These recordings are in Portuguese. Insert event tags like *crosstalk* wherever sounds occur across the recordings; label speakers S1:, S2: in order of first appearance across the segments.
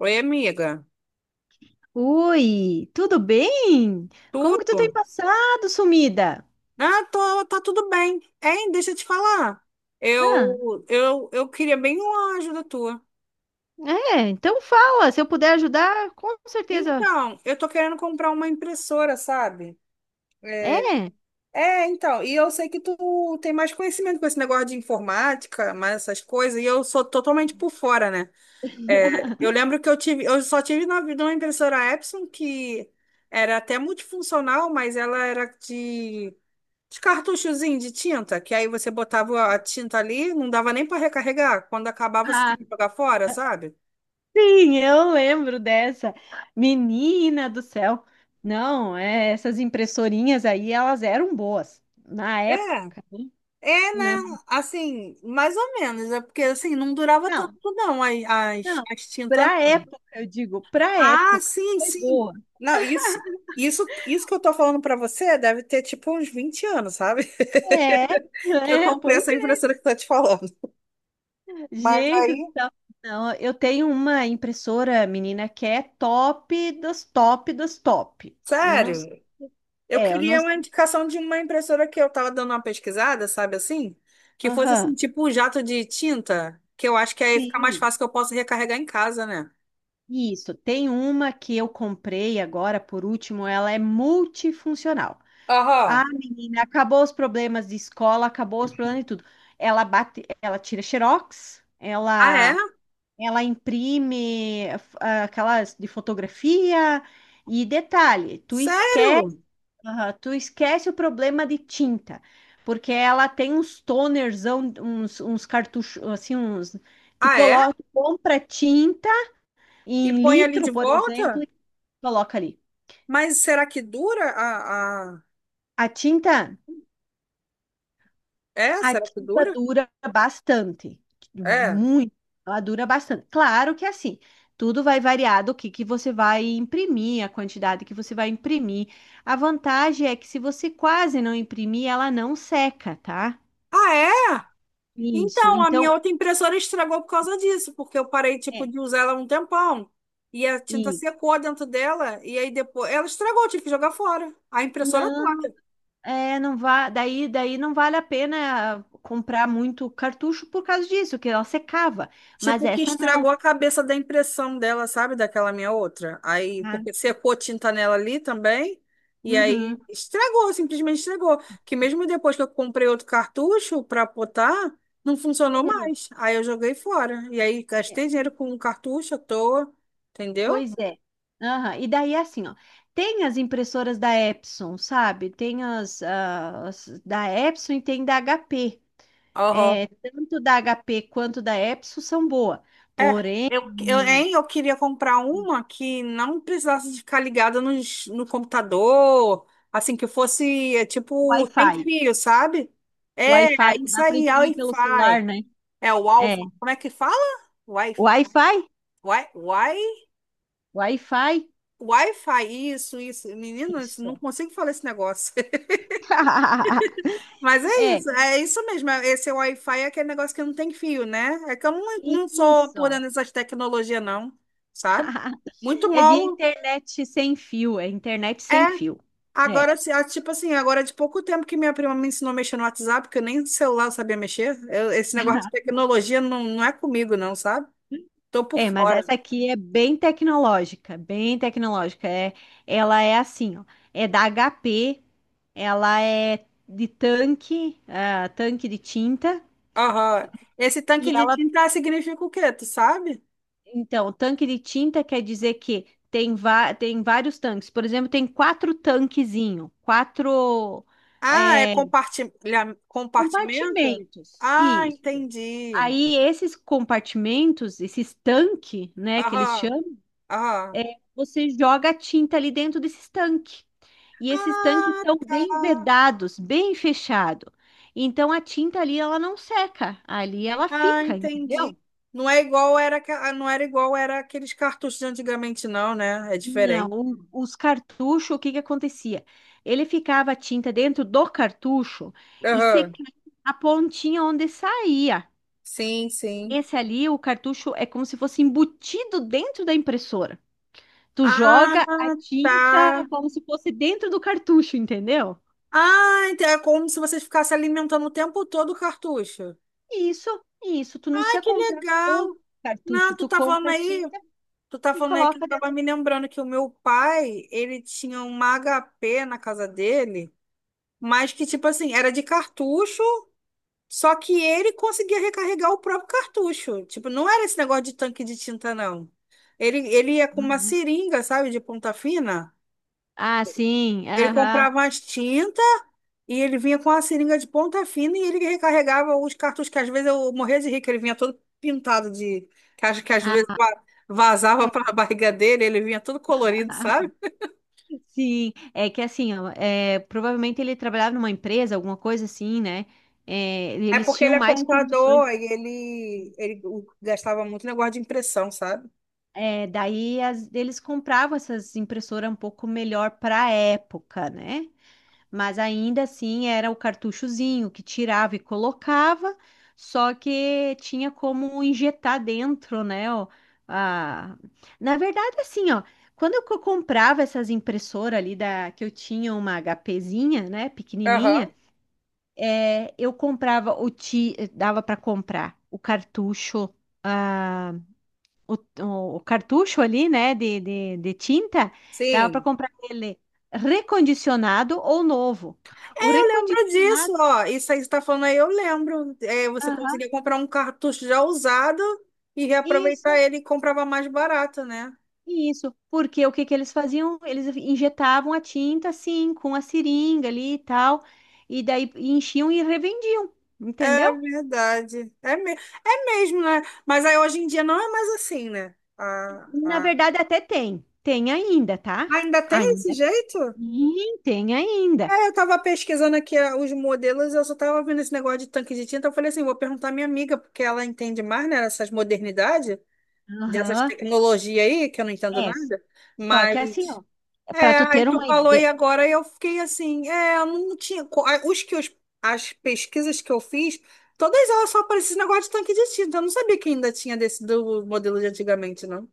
S1: Oi, amiga.
S2: Oi, tudo bem? Como que tu tem
S1: Tudo?
S2: passado, sumida?
S1: Ah, tô, tá tudo bem. Hein, deixa eu te falar.
S2: Ah,
S1: Eu queria bem uma ajuda tua.
S2: é, então fala, se eu puder ajudar, com certeza.
S1: Então, eu tô querendo comprar uma impressora, sabe? É,
S2: É,
S1: então, e eu sei que tu tem mais conhecimento com esse negócio de informática, mais essas coisas, e eu sou totalmente por fora, né? É, eu lembro que eu só tive na vida uma impressora Epson que era até multifuncional, mas ela era de os cartuchozinhos de tinta, que aí você botava a tinta ali, não dava nem para recarregar. Quando acabava, você
S2: ah,
S1: tinha que jogar fora, sabe?
S2: sim, eu lembro dessa. Menina do céu. Não, é, essas impressorinhas aí, elas eram boas na
S1: É,
S2: época,
S1: é,
S2: né?
S1: né? Assim, mais ou menos, é porque assim, não durava tanto,
S2: Não,
S1: não, as, as,
S2: não.
S1: as tintas,
S2: Pra
S1: não.
S2: época, eu digo, pra
S1: Ah,
S2: época
S1: sim,
S2: foi
S1: sim.
S2: boa.
S1: Não, isso que eu tô falando para você deve ter tipo uns 20 anos, sabe?
S2: É,
S1: *laughs* Que eu
S2: né?
S1: comprei
S2: Pois
S1: essa impressora que eu tô te falando. Mas
S2: gente
S1: aí,
S2: do céu. Não, eu tenho uma impressora, menina, que é top dos top dos top. Eu não
S1: sério.
S2: sei.
S1: Eu
S2: É, eu não
S1: queria uma
S2: sei.
S1: indicação de uma impressora que eu tava dando uma pesquisada, sabe assim? Que fosse assim,
S2: Aham.
S1: tipo um jato de tinta, que eu acho que aí fica mais
S2: Sim.
S1: fácil que eu posso recarregar em casa, né?
S2: Isso. Tem uma que eu comprei agora, por último, ela é multifuncional. Ah,
S1: Aham.
S2: menina, acabou os problemas de escola, acabou os problemas de tudo. Ela bate, ela tira xerox,
S1: Ah, é?
S2: ela imprime ah, aquelas de fotografia. E detalhe, tu esquece.
S1: Sério?
S2: Aham, tu esquece o problema de tinta, porque ela tem uns tonerzão, uns cartuchos, assim, uns. Tu
S1: Ah, é?
S2: coloca, tu compra tinta
S1: E
S2: em
S1: põe ali
S2: litro,
S1: de
S2: por exemplo,
S1: volta?
S2: e coloca ali.
S1: Mas será que dura a?
S2: A tinta,
S1: É?
S2: a
S1: Será que
S2: tinta
S1: dura?
S2: dura bastante,
S1: É.
S2: muito, ela dura bastante. Claro que é assim, tudo vai variar do que você vai imprimir, a quantidade que você vai imprimir. A vantagem é que se você quase não imprimir, ela não seca, tá?
S1: Ah, é?
S2: Isso.
S1: Então, a minha
S2: Então,
S1: outra impressora estragou por causa disso, porque eu parei, tipo,
S2: é.
S1: de usar ela um tempão. E a tinta
S2: E
S1: secou dentro dela, e aí depois ela estragou, eu tive que jogar fora. A impressora
S2: não,
S1: toda.
S2: é, não daí não vale a pena comprar muito cartucho por causa disso, que ela secava. Mas
S1: Tipo, que
S2: essa não,
S1: estragou a cabeça da impressão dela, sabe? Daquela minha outra. Aí,
S2: tá?
S1: porque secou tinta nela ali também, e aí
S2: Uhum,
S1: estragou, simplesmente estragou. Que mesmo depois que eu comprei outro cartucho para botar, não funcionou
S2: uhum.
S1: mais. Aí eu joguei fora. E aí
S2: É,
S1: gastei dinheiro com um cartucho à toa, entendeu?
S2: pois é. Aham, e daí é assim, ó, tem as impressoras da Epson, sabe? Tem as, ah, as da Epson e tem da HP. É, tanto da HP quanto da Epson são boas.
S1: É,
S2: Porém, menina,
S1: eu queria comprar uma que não precisasse de ficar ligada no computador, assim, que fosse, tipo, sem
S2: Wi-Fi.
S1: fio, sabe? É,
S2: Wi-Fi que
S1: isso
S2: dá para
S1: aí, a
S2: imprimir pelo celular,
S1: Wi-Fi.
S2: né?
S1: É o Alfa,
S2: É.
S1: como é que fala? Wi-Fi.
S2: Wi-Fi?
S1: Wi, wi,
S2: Wi-Fi?
S1: Wi-Fi, isso, isso. Menino, não
S2: Isso.
S1: consigo falar esse negócio. *laughs*
S2: *laughs*
S1: Mas
S2: É,
S1: é isso mesmo. Esse Wi-Fi é aquele negócio que não tem fio, né? É que eu não sou
S2: isso.
S1: por dentro dessas tecnologias, não, sabe?
S2: *laughs*
S1: Muito
S2: É via
S1: mal.
S2: internet sem fio, é internet
S1: É,
S2: sem fio. É.
S1: agora, tipo assim, agora é de pouco tempo que minha prima me ensinou a mexer no WhatsApp, porque eu nem no celular eu sabia mexer. Esse negócio de
S2: *laughs*
S1: tecnologia não é comigo, não, sabe? Tô por
S2: É, mas
S1: fora.
S2: essa aqui é bem tecnológica, bem tecnológica. É, ela é assim, ó, é da HP, ela é de tanque, ah, tanque de tinta,
S1: Aham. Esse
S2: e
S1: tanque de
S2: ela,
S1: tinta significa o quê? Tu sabe?
S2: então, o tanque de tinta quer dizer que tem, tem vários tanques. Por exemplo, tem quatro tanquezinho, quatro
S1: Ah, é
S2: é,
S1: compartimento?
S2: compartimentos,
S1: Ah,
S2: isso.
S1: entendi.
S2: Aí esses compartimentos, esses tanque, né, que eles
S1: Aham,
S2: chamam,
S1: aham.
S2: é, você joga a tinta ali dentro desses tanque. E esses tanques
S1: Ah,
S2: são bem
S1: tá.
S2: vedados, bem fechado. Então a tinta ali ela não seca, ali ela
S1: Ah,
S2: fica, entendeu?
S1: entendi. Não é igual era, aqua- não era igual era aqueles cartuchos de antigamente, não, né? É
S2: Não,
S1: diferente.
S2: os cartuchos, o que que acontecia? Ele ficava a tinta dentro do cartucho e
S1: Aham.
S2: secava a pontinha onde saía.
S1: Sim, sim.
S2: Esse ali, o cartucho é como se fosse embutido dentro da impressora. Tu
S1: Ah,
S2: joga a
S1: tá.
S2: tinta como se fosse dentro do cartucho, entendeu?
S1: Ah, então é como se você ficasse alimentando o tempo todo o cartucho.
S2: Isso, isso. Tu não
S1: Ah,
S2: precisa
S1: que
S2: comprar o
S1: legal.
S2: cartucho.
S1: Não, tu
S2: Tu
S1: tá
S2: compra
S1: falando
S2: a
S1: aí,
S2: tinta e
S1: que eu
S2: coloca
S1: tava
S2: dentro.
S1: me lembrando que o meu pai, ele tinha uma HP na casa dele, mas que tipo assim, era de cartucho, só que ele conseguia recarregar o próprio cartucho. Tipo, não era esse negócio de tanque de tinta, não. Ele ia com uma
S2: Uhum.
S1: seringa, sabe, de ponta fina.
S2: Ah, sim.
S1: Ele
S2: Aham.
S1: comprava as tintas. E ele vinha com a seringa de ponta fina e ele recarregava os cartuchos, que às vezes eu morria de rir, que ele vinha todo pintado de. Que acho que às vezes
S2: Ah,
S1: vazava
S2: é.
S1: para a *laughs* barriga dele, ele vinha todo colorido, sabe?
S2: *laughs* Sim, é que assim, ó, é, provavelmente ele trabalhava numa empresa, alguma coisa assim, né? É,
S1: É
S2: eles
S1: porque
S2: tinham
S1: ele é
S2: mais
S1: contador
S2: condições.
S1: e ele gastava muito negócio de impressão, sabe?
S2: É, daí eles compravam essas impressoras um pouco melhor para a época, né? Mas ainda assim era o cartuchozinho que tirava e colocava, só que tinha como injetar dentro, né? Ó, a- na verdade, assim, ó, quando eu comprava essas impressoras ali da que eu tinha uma HPzinha, né, pequenininha,
S1: Aham.
S2: é, eu comprava o ti, dava para comprar o cartucho, ah, o, o cartucho ali, né, de tinta, dava para
S1: Sim.
S2: comprar ele recondicionado ou novo. O
S1: Lembro disso,
S2: recondicionado,
S1: ó. Isso aí que você tá falando aí, eu lembro. É, você
S2: aham,
S1: conseguia comprar um cartucho já usado e reaproveitar
S2: isso,
S1: ele e comprava mais barato, né?
S2: isso. Porque o que que eles faziam? Eles injetavam a tinta assim, com a seringa ali e tal, e daí enchiam e revendiam, entendeu?
S1: Verdade. É, é mesmo, né? Mas aí hoje em dia não é mais assim, né? Ah,
S2: Na
S1: ah.
S2: verdade, até tem. Tem ainda, tá?
S1: Ainda tem esse
S2: Ainda
S1: jeito?
S2: sim, tem ainda.
S1: É, eu tava pesquisando aqui, os modelos, eu só tava vendo esse negócio de tanque de tinta. Eu falei assim, vou perguntar à minha amiga, porque ela entende mais, né, dessas modernidades, dessas
S2: Aham.
S1: tecnologias aí, que eu não entendo
S2: É.
S1: nada.
S2: Só que assim,
S1: Mas
S2: ó, para
S1: é,
S2: tu
S1: aí
S2: ter
S1: tu
S2: uma
S1: falou
S2: ideia,
S1: e agora eu fiquei assim, é, eu não tinha, as pesquisas que eu fiz, todas elas só apareciam esse negócio de tanque de tinta. Eu não sabia que ainda tinha desse do modelo de antigamente, não.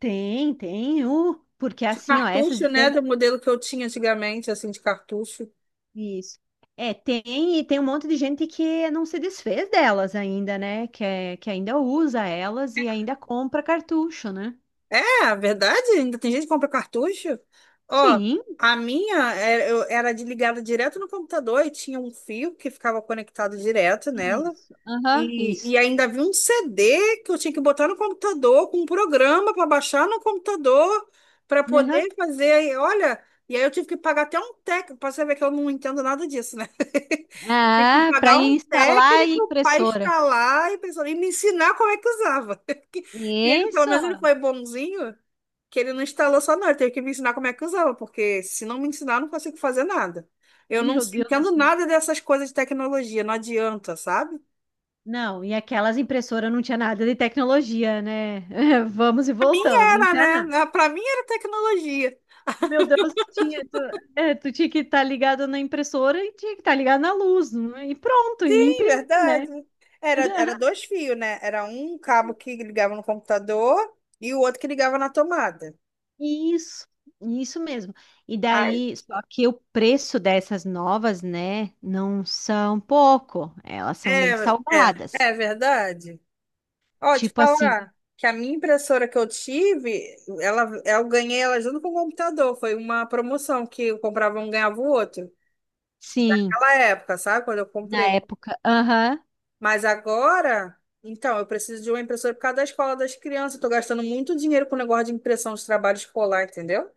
S2: tem, tem, porque
S1: De
S2: assim, ó, essas
S1: cartucho, né,
S2: tanques,
S1: do modelo que eu tinha antigamente, assim, de cartucho.
S2: isso. É, tem, e tem um monte de gente que não se desfez delas ainda, né? Que, é, que ainda usa elas e ainda compra cartucho, né?
S1: É, a verdade, ainda tem gente que compra cartucho. Ó,
S2: Sim,
S1: a minha era ligada direto no computador e tinha um fio que ficava conectado direto nela.
S2: isso. Aham,
S1: E,
S2: isso.
S1: e ainda vi um CD que eu tinha que botar no computador, com um programa para baixar no computador, para
S2: Aham.
S1: poder fazer. Aí, olha, e aí eu tive que pagar até um técnico, para você ver que eu não entendo nada disso, né? *laughs* Eu tive que
S2: Ah, para
S1: pagar um
S2: instalar a
S1: técnico para
S2: impressora.
S1: instalar e, pessoal, e me ensinar como é que usava. *laughs* Que ele, pelo
S2: Isso.
S1: menos, ele foi bonzinho, que ele não instalou só, não. Ele teve que me ensinar como é que usava, porque se não me ensinar, eu não consigo fazer nada. Eu não
S2: Meu Deus do
S1: entendo
S2: céu.
S1: nada dessas coisas de tecnologia, não adianta, sabe?
S2: Não, e aquelas impressoras não tinha nada de tecnologia, né? *laughs* Vamos e voltamos, não
S1: Era,
S2: tinha
S1: né?
S2: nada.
S1: Pra mim era tecnologia.
S2: Meu Deus, tinha, tu, é, tu tinha que estar ligado na impressora e tinha que estar ligado na luz, né? E pronto, e
S1: Sim,
S2: imprimir, né?
S1: verdade. Era
S2: *laughs*
S1: dois fios, né? Era um cabo que ligava no computador e o outro que ligava na tomada.
S2: Isso, isso mesmo. E
S1: Ai.
S2: daí, só que o preço dessas novas, né, não são pouco, elas são bem
S1: É, é,
S2: salgadas.
S1: é verdade. Ó, te
S2: Tipo assim,
S1: falar que a minha impressora que eu tive, eu ganhei ela junto com o computador. Foi uma promoção que eu comprava um, ganhava o outro.
S2: sim,
S1: Naquela época, sabe? Quando eu
S2: na
S1: comprei.
S2: época, aham.
S1: Mas agora, então, eu preciso de uma impressora por causa da escola das crianças. Eu tô gastando muito dinheiro com o negócio de impressão de trabalho escolar, entendeu?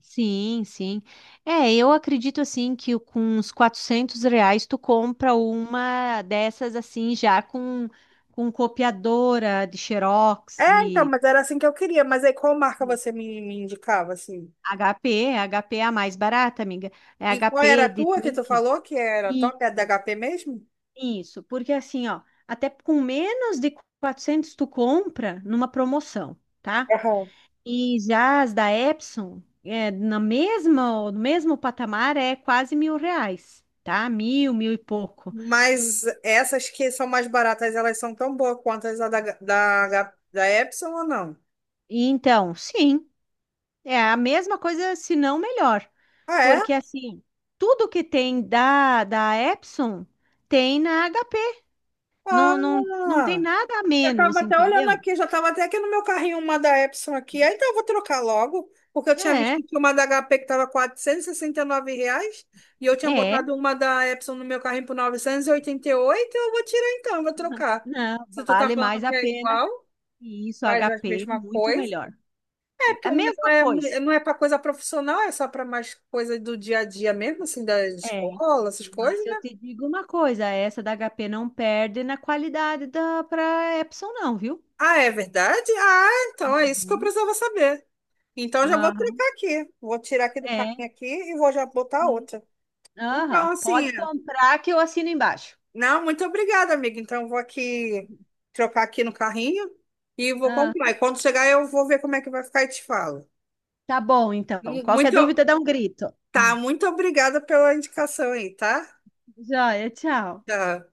S2: Sim, sim. É, eu acredito assim que com uns R$ 400 tu compra uma dessas assim já com copiadora de Xerox
S1: É, então,
S2: e
S1: mas era assim que eu queria. Mas aí qual marca você me indicava, assim?
S2: HP. HP é a mais barata, amiga. É
S1: E qual era
S2: HP
S1: a
S2: de
S1: tua que tu
S2: tanque.
S1: falou que era top? É da
S2: Isso,
S1: HP mesmo?
S2: isso. Porque assim, ó, até com menos de 400 tu compra numa promoção, tá?
S1: Aham.
S2: E já as da Epson, é, na mesma, no mesmo patamar, é quase R$ 1.000, tá? Mil, mil e pouco.
S1: Mas essas que são mais baratas, elas são tão boas quanto as da Epson ou não?
S2: E então, sim, é a mesma coisa, se não melhor.
S1: Ah, é?
S2: Porque, assim, tudo que tem da, da Epson tem na HP. Não, não, não tem
S1: Ah!
S2: nada a
S1: Eu estava
S2: menos,
S1: até olhando
S2: entendeu?
S1: aqui, já estava até aqui no meu carrinho uma da Epson aqui. Ah, então eu vou trocar logo, porque eu tinha visto
S2: É,
S1: que tinha uma da HP que estava e R$ 69 e eu tinha
S2: é,
S1: botado uma da Epson no meu carrinho por novecentos e oitenta e oito. Eu vou tirar então, eu vou trocar.
S2: não,
S1: Se tu tá
S2: vale
S1: falando
S2: mais a
S1: que é
S2: pena.
S1: igual,
S2: E isso,
S1: faz a
S2: HP,
S1: mesma
S2: muito
S1: coisa.
S2: melhor.
S1: É
S2: É
S1: porque
S2: a
S1: o meu não
S2: mesma
S1: é,
S2: coisa.
S1: não é para coisa profissional, é só para mais coisa do dia a dia mesmo, assim, da
S2: É.
S1: escola, essas
S2: Mas
S1: coisas,
S2: eu
S1: né?
S2: te digo uma coisa, essa da HP não perde na qualidade da para Epson não, viu?
S1: Ah, é verdade? Ah, então é isso que eu
S2: Uhum.
S1: precisava saber. Então já vou
S2: Aham,
S1: trocar aqui. Vou tirar aqui do
S2: é,
S1: carrinho aqui e vou já botar
S2: sim.
S1: outra.
S2: Aham,
S1: Então, assim,
S2: pode comprar que eu assino embaixo.
S1: não, muito obrigada, amiga. Então, eu vou aqui trocar aqui no carrinho e vou
S2: Ah,
S1: comprar. E quando chegar, eu vou ver como é que vai ficar e te falo.
S2: tá bom, então. Qualquer
S1: Muito,
S2: dúvida, dá um grito.
S1: tá, muito obrigada pela indicação aí, tá?
S2: Joia, tchau.
S1: Tá.